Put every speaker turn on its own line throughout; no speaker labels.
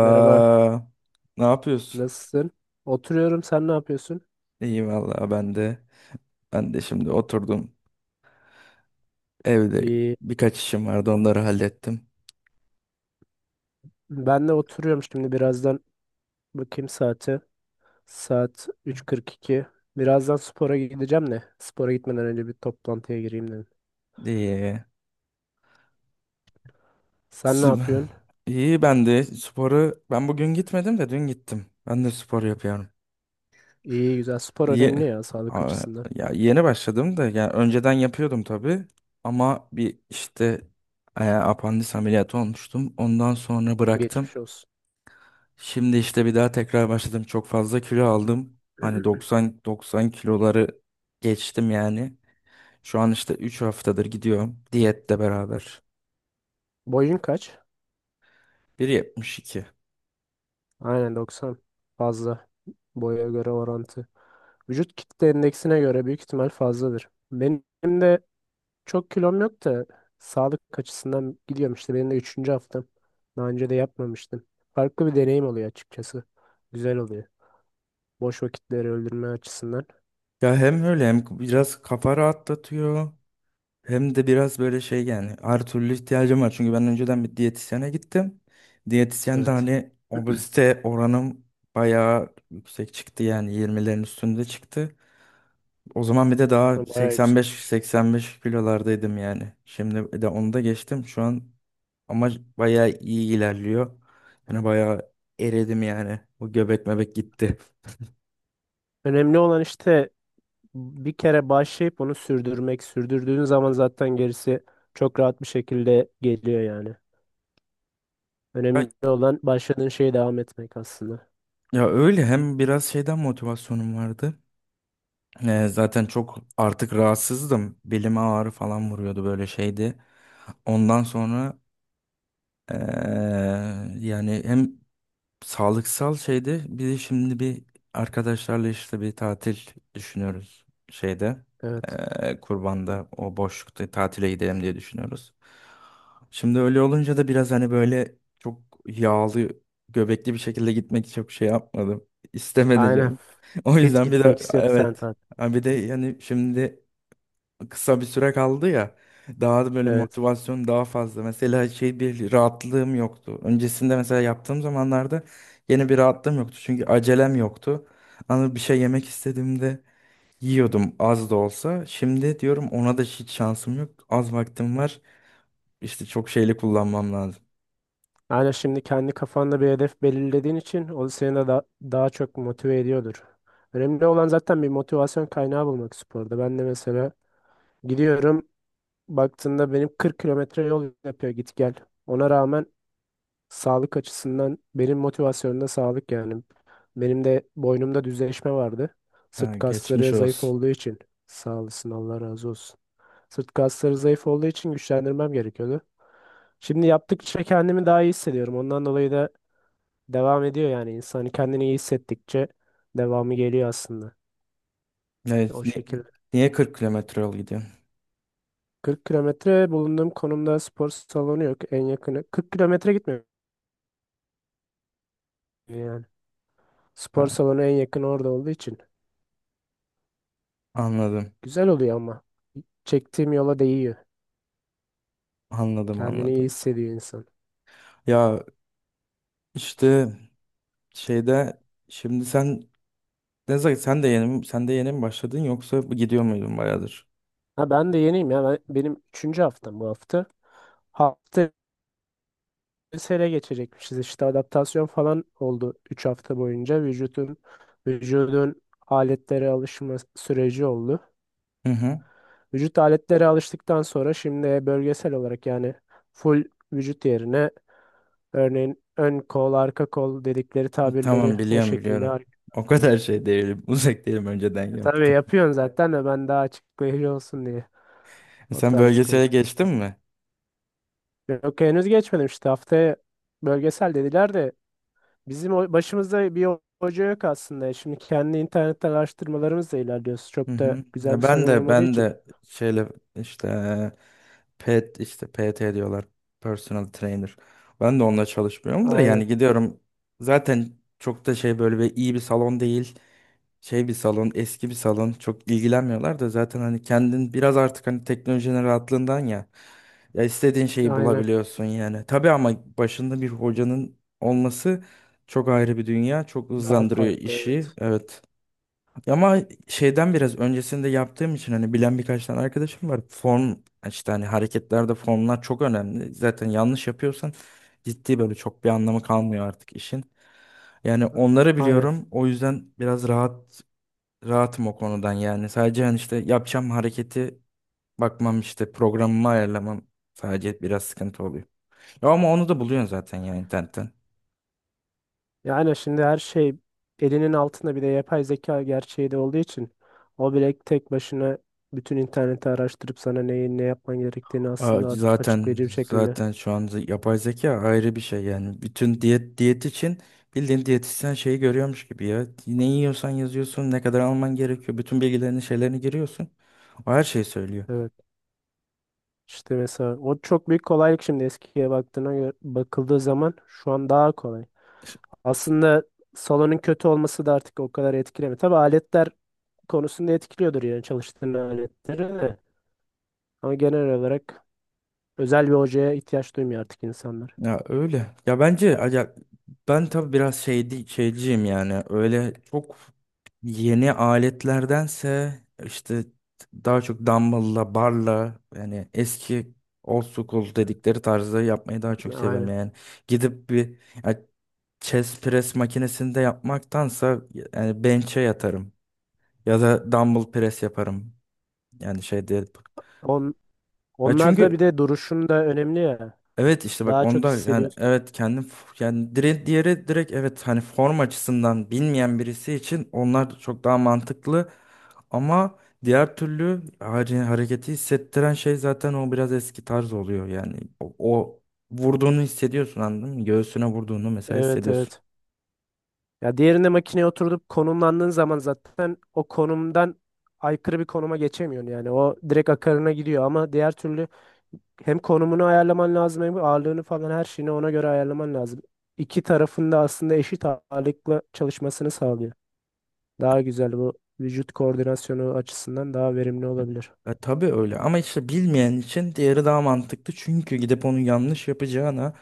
Merhaba,
Ne yapıyorsun?
nasılsın? Oturuyorum, sen ne yapıyorsun?
İyi vallahi, ben de. Ben de şimdi oturdum. Evde
İyi.
birkaç işim vardı, onları hallettim.
Ben de oturuyorum şimdi birazdan bakayım saate. Saat 3.42. Birazdan spora gideceğim de. Spora gitmeden önce bir toplantıya gireyim dedim.
İyi.
Sen ne
Sp-
yapıyorsun?
İyi, ben de sporu ben bugün gitmedim de dün gittim. Ben de spor yapıyorum.
İyi güzel. Spor
Ye
önemli ya sağlık
Aa,
açısından.
ya yeni başladım da, yani önceden yapıyordum tabii, ama bir işte, apandis ameliyatı olmuştum. Ondan sonra bıraktım.
Geçmiş olsun.
Şimdi işte bir daha tekrar başladım. Çok fazla kilo aldım. Hani 90 90 kiloları geçtim yani. Şu an işte 3 haftadır gidiyorum, diyetle beraber.
Boyun kaç?
1,72.
Aynen 90. Fazla. Boya göre orantı. Vücut kitle endeksine göre büyük ihtimal fazladır. Benim de çok kilom yok da sağlık açısından gidiyorum, işte benim de üçüncü haftam. Daha önce de yapmamıştım. Farklı bir deneyim oluyor açıkçası. Güzel oluyor. Boş vakitleri öldürme açısından.
Ya, hem öyle hem biraz kafa rahatlatıyor. Hem de biraz böyle şey, yani her türlü ihtiyacım var. Çünkü ben önceden bir diyetisyene gittim. Diyetisyen de
Evet.
hani obezite oranım bayağı yüksek çıktı, yani 20'lerin üstünde çıktı. O zaman bir de daha
Bayağı yüksek.
85-85 kilolardaydım yani. Şimdi de onu da geçtim. Şu an ama bayağı iyi ilerliyor. Yani bayağı eridim yani. O göbek mebek gitti.
Önemli olan işte bir kere başlayıp onu sürdürmek. Sürdürdüğün zaman zaten gerisi çok rahat bir şekilde geliyor yani.
Ya,
Önemli olan başladığın şeye devam etmek aslında.
ya öyle, hem biraz şeyden motivasyonum vardı. Zaten çok artık rahatsızdım. Belime ağrı falan vuruyordu, böyle şeydi. Ondan sonra, ee, yani hem sağlıksal şeyde, bir de şimdi bir arkadaşlarla işte bir tatil düşünüyoruz şeyde.
Evet.
Kurban'da o boşlukta tatile gidelim diye düşünüyoruz. Şimdi öyle olunca da biraz hani böyle çok yağlı göbekli bir şekilde gitmek çok şey yapmadım. İstemedi
Aynen.
canım. O
Fit
yüzden bir
gitmek
de
istiyorsan
evet.
tabii.
Ha, bir de yani şimdi kısa bir süre kaldı ya. Daha da böyle
Evet.
motivasyon daha fazla. Mesela şey, bir rahatlığım yoktu. Öncesinde mesela yaptığım zamanlarda yine bir rahatlığım yoktu. Çünkü acelem yoktu. Ama bir şey yemek istediğimde yiyordum, az da olsa. Şimdi diyorum, ona da hiç şansım yok. Az vaktim var. İşte çok şeyli kullanmam lazım.
Yani şimdi kendi kafanda bir hedef belirlediğin için o seni de daha çok motive ediyordur. Önemli olan zaten bir motivasyon kaynağı bulmak sporda. Ben de mesela gidiyorum, baktığında benim 40 kilometre yol yapıyor git gel. Ona rağmen sağlık açısından benim motivasyonumda sağlık yani. Benim de boynumda düzleşme vardı.
Ha,
Sırt
geçmiş
kasları zayıf
olsun.
olduğu için sağ olasın, Allah razı olsun. Sırt kasları zayıf olduğu için güçlendirmem gerekiyordu. Şimdi yaptıkça kendimi daha iyi hissediyorum. Ondan dolayı da devam ediyor yani, insan hani kendini iyi hissettikçe devamı geliyor aslında.
Ne,
O
niye,
şekilde.
niye 40 kilometre yol gidiyorsun?
40 kilometre, bulunduğum konumda spor salonu yok. En yakını 40 kilometre, gitmiyor yani. Spor
Ha,
salonu en yakın orada olduğu için.
anladım.
Güzel oluyor ama. Çektiğim yola değiyor.
Anladım,
Kendini iyi
anladım.
hissediyor insan.
Ya, işte şeyde, şimdi sen, Nezahat, sen de yeni, sen de yeni mi başladın, yoksa gidiyor muydun bayağıdır?
Ha, ben de yeniyim ya. Benim üçüncü haftam bu hafta. Hafta sele geçecekmişiz. İşte adaptasyon falan oldu 3 hafta boyunca. Vücudun aletlere alışma süreci oldu.
Hı hı.
Vücut aletlere alıştıktan sonra şimdi bölgesel olarak, yani full vücut yerine örneğin ön kol, arka kol dedikleri tabirleri
Tamam,
o
biliyorum,
şekilde
biliyorum.
hareket.
O kadar şey değilim. Uzak değilim, önceden
Tabii
yaptım.
yapıyorsun zaten de, ben daha açıklayıcı olsun diye o
Sen
tarz
bölgesele
konuşmak
geçtin
istedim.
mi?
Yok, henüz geçmedim işte, haftaya bölgesel dediler de bizim başımızda bir hoca yok aslında. Şimdi kendi internetten araştırmalarımızla ilerliyoruz.
Hı
Çok da
hı.
güzel bir
Ya, ben
salon
de
olmadığı
ben
için.
de şeyle, işte pet işte PT diyorlar. Personal trainer. Ben de onunla çalışmıyorum da, yani
Aynen,
gidiyorum. Zaten çok da şey, böyle bir iyi bir salon değil. Şey bir salon, eski bir salon. Çok ilgilenmiyorlar da zaten, hani kendin biraz artık, hani teknolojinin rahatlığından ya. Ya, istediğin şeyi
aynen.
bulabiliyorsun yani. Tabii, ama başında bir hocanın olması çok ayrı bir dünya. Çok
Daha
hızlandırıyor
farklı,
işi.
evet.
Evet. Ama şeyden biraz öncesinde yaptığım için hani bilen birkaç tane arkadaşım var. Form, işte hani hareketlerde formlar çok önemli. Zaten yanlış yapıyorsan ciddi böyle çok bir anlamı kalmıyor artık işin. Yani onları
Aynen.
biliyorum. O yüzden biraz rahatım o konudan yani. Sadece hani işte yapacağım hareketi bakmam, işte programımı ayarlamam sadece biraz sıkıntı oluyor. Ya, ama onu da buluyorsun zaten ya, internetten.
Yani şimdi her şey elinin altında, bir de yapay zeka gerçeği de olduğu için o bile tek başına bütün interneti araştırıp sana neyi ne yapman gerektiğini aslında
Zaten
açıklayıcı bir şekilde.
zaten şu an, yapay zeka ayrı bir şey yani, bütün diyet için bildiğin diyetisyen şeyi görüyormuş gibi ya, ne yiyorsan yazıyorsun, ne kadar alman gerekiyor, bütün bilgilerini şeylerini giriyorsun, o her şeyi söylüyor.
Evet. İşte mesela o çok büyük kolaylık, şimdi eskiye baktığına göre bakıldığı zaman şu an daha kolay. Aslında salonun kötü olması da artık o kadar etkilemiyor. Tabii aletler konusunda etkiliyordur, yani çalıştığın aletleri de. Ama genel olarak özel bir hocaya ihtiyaç duymuyor artık insanlar.
Ya öyle. Ya bence
He-
ya, ben tabii biraz şeydi, şeyciyim yani. Öyle çok yeni aletlerdense işte daha çok dumbbell'la, barla, yani eski, old school dedikleri tarzda yapmayı daha çok seviyorum
Aynen.
yani. Gidip bir, ya, chest press makinesinde yapmaktansa yani bench'e yatarım ya da dumbbell press yaparım. Yani şey değil.
On,
Ya
Onlarda
çünkü,
bir de duruşun da önemli ya.
evet, işte bak,
Daha çok
onda yani,
hissediyorsun.
evet, kendim yani direkt, diğeri direkt, evet, hani form açısından bilmeyen birisi için onlar çok daha mantıklı, ama diğer türlü hareketi hissettiren şey zaten o biraz eski tarz oluyor yani, o vurduğunu hissediyorsun, anladın mı? Göğsüne vurduğunu mesela
Evet,
hissediyorsun.
evet. Ya diğerinde makineye oturup konumlandığın zaman zaten o konumdan aykırı bir konuma geçemiyorsun yani. O direkt akarına gidiyor ama diğer türlü hem konumunu ayarlaman lazım hem ağırlığını falan her şeyini ona göre ayarlaman lazım. İki tarafın da aslında eşit ağırlıkla çalışmasını sağlıyor. Daha güzel, bu vücut koordinasyonu açısından daha verimli olabilir.
Tabii öyle, ama işte bilmeyen için diğeri daha mantıklı. Çünkü gidip onu yanlış yapacağına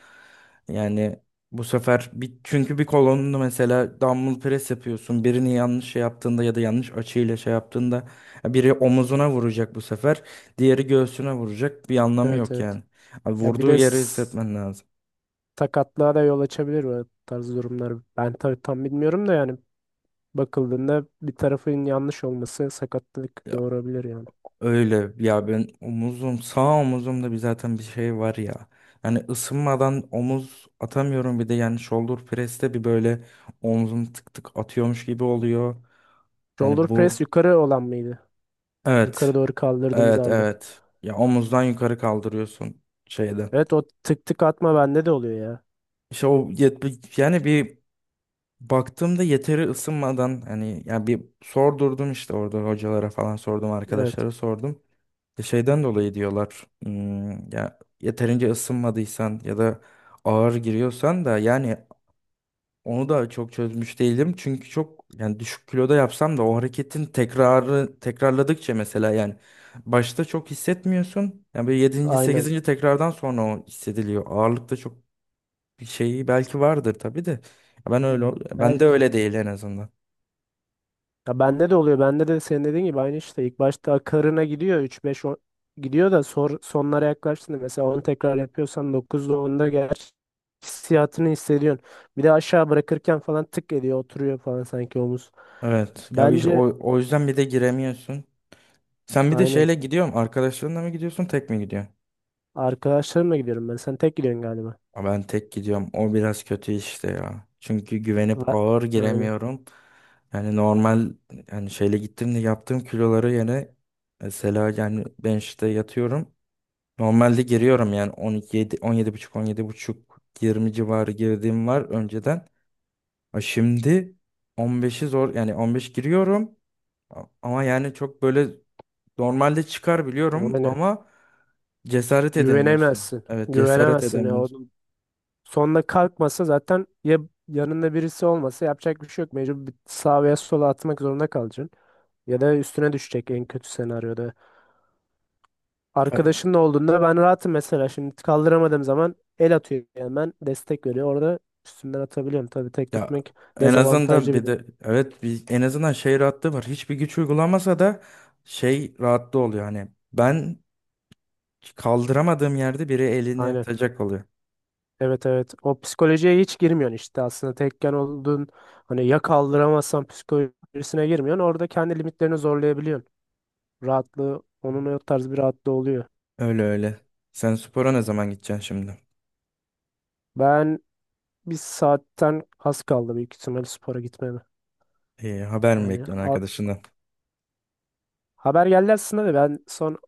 yani bu sefer bir, çünkü bir kolonunu mesela dumbbell press yapıyorsun. Birini yanlış şey yaptığında ya da yanlış açıyla şey yaptığında biri omuzuna vuracak bu sefer. Diğeri göğsüne vuracak. Bir anlamı
Evet,
yok
evet.
yani. Abi,
Ya bir
vurduğu
de
yeri hissetmen lazım.
sakatlığa da yol açabilir bu tarz durumlar. Ben tabii tam bilmiyorum da, yani bakıldığında bir tarafın yanlış olması sakatlık doğurabilir yani.
Öyle ya, ben omuzum, sağ omuzumda bir, zaten bir şey var ya. Yani ısınmadan omuz atamıyorum, bir de yani shoulder press'te bir böyle omzum tık tık atıyormuş gibi oluyor.
Shoulder
Yani
press
bu,
yukarı olan mıydı? Yukarı
evet,
doğru kaldırdığımız
evet,
ağırlığı.
evet, ya omuzdan yukarı kaldırıyorsun şeyde.
Evet, o tık tık atma bende de oluyor ya.
İşte o, yani bir baktığımda yeteri ısınmadan hani, yani bir sordurdum, işte orada hocalara falan sordum,
Evet,
arkadaşlara sordum. Şeyden dolayı diyorlar. Ya yeterince ısınmadıysan ya da ağır giriyorsan da yani, onu da çok çözmüş değilim. Çünkü çok yani düşük kiloda yapsam da o hareketin tekrarı, tekrarladıkça mesela yani başta çok hissetmiyorsun. Yani böyle 7.
aynen.
8. tekrardan sonra o hissediliyor. Ağırlıkta çok bir şeyi belki vardır tabii de. Ya ben öyle, ben de
Belki.
öyle değil en azından.
Ya bende de oluyor. Bende de senin dediğin gibi aynı işte. İlk başta akarına gidiyor. Gidiyor da, sonlara yaklaştığında mesela 10 tekrar yapıyorsan 9'da 10'da gerçi hissiyatını hissediyorsun. Bir de aşağı bırakırken falan tık ediyor. Oturuyor falan sanki omuz.
Evet. Ya bir şey,
Bence
o yüzden bir de giremiyorsun. Sen bir de
aynen.
şeyle, gidiyorum. Arkadaşlarınla mı gidiyorsun, tek mi gidiyorsun?
Arkadaşlarımla gidiyorum ben. Sen tek gidiyorsun galiba.
Ama ben tek gidiyorum. O biraz kötü işte ya. Çünkü güvenip
A-
ağır
Aynen.
giremiyorum. Yani normal, yani şeyle gittim de, yaptığım kiloları yine mesela yani ben işte yatıyorum. Normalde giriyorum yani 17 17,5 17,5 20 civarı girdiğim var önceden. Ha şimdi 15'i zor yani 15 giriyorum, ama yani çok böyle normalde çıkar
Ona
biliyorum
ne?
ama, cesaret edemiyorsun.
Güvenemezsin.
Evet, cesaret
Güvenemezsin ya.
edemiyorsun.
Onun sonunda kalkmasa zaten ya, yanında birisi olmasa yapacak bir şey yok. Mecbur bir sağa veya sola atmak zorunda kalacaksın. Ya da üstüne düşecek, en kötü senaryoda. Arkadaşınla olduğunda ben rahatım mesela. Şimdi kaldıramadığım zaman el atıyor, hemen destek veriyor. Orada üstünden atabiliyorum. Tabii tek
Ya,
gitmek
en azından
dezavantajlı bir
bir
de.
de, evet, bir en azından şey rahatlığı var. Hiçbir güç uygulamasa da şey rahatlığı oluyor, hani ben kaldıramadığım yerde biri elini
Aynen.
atacak oluyor.
Evet, evet. O psikolojiye hiç girmiyorsun işte aslında. Tekken olduğun hani, ya kaldıramazsan psikolojisine girmiyorsun. Orada kendi limitlerini zorlayabiliyorsun. Rahatlığı onun, o tarz bir rahatlığı oluyor.
Öyle öyle. Sen spora ne zaman gideceksin şimdi?
Ben, bir saatten az kaldı büyük ihtimalle spora gitmeme.
Haber mi
Yani
bekliyorsun
a-
arkadaşından?
haber geldi aslında da, ben son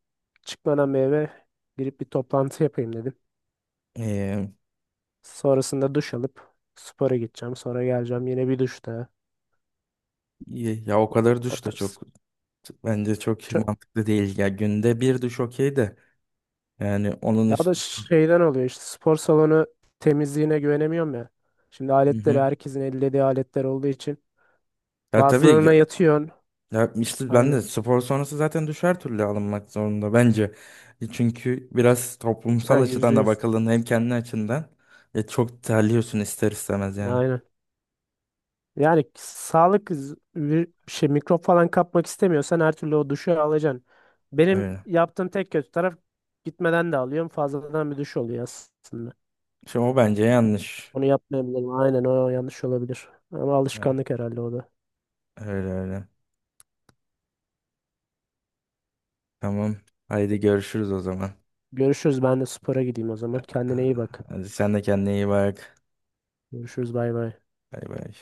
çıkmadan bir eve girip bir toplantı yapayım dedim.
Ee,
Sonrasında duş alıp spora gideceğim. Sonra geleceğim, yine bir duş daha.
ya o kadar
O
duş da
tarz.
çok bence çok
Çö-
mantıklı değil. Ya günde bir duş okey de, yani onun
Ya o da
üstü.
şeyden oluyor işte, spor salonu temizliğine güvenemiyorum ya. Şimdi
Hı
aletleri
hı.
herkesin ellediği aletler olduğu için
Ya tabii,
bazılarına yatıyorsun.
ya işte ben
Aynen.
de spor sonrası zaten düşer türlü alınmak zorunda bence. Çünkü biraz toplumsal
Ha, yüzde
açıdan da
yüz.
bakıldığında hem kendi açından çok terliyorsun ister istemez yani.
Aynen. Yani sağlık bir şey, mikrop falan kapmak istemiyorsan her türlü o duşu alacaksın. Benim
Öyle.
yaptığım tek kötü taraf, gitmeden de alıyorum. Fazladan bir duş oluyor aslında.
Şey, o bence yanlış.
Onu yapmayabilirim. Aynen, o yanlış olabilir. Ama
Ya,
alışkanlık herhalde o da.
öyle öyle. Tamam. Haydi görüşürüz o zaman.
Görüşürüz. Ben de spora gideyim o zaman. Kendine iyi bak.
Hadi sen de kendine iyi bak.
Görüşürüz. Bay bay.
Bay bay.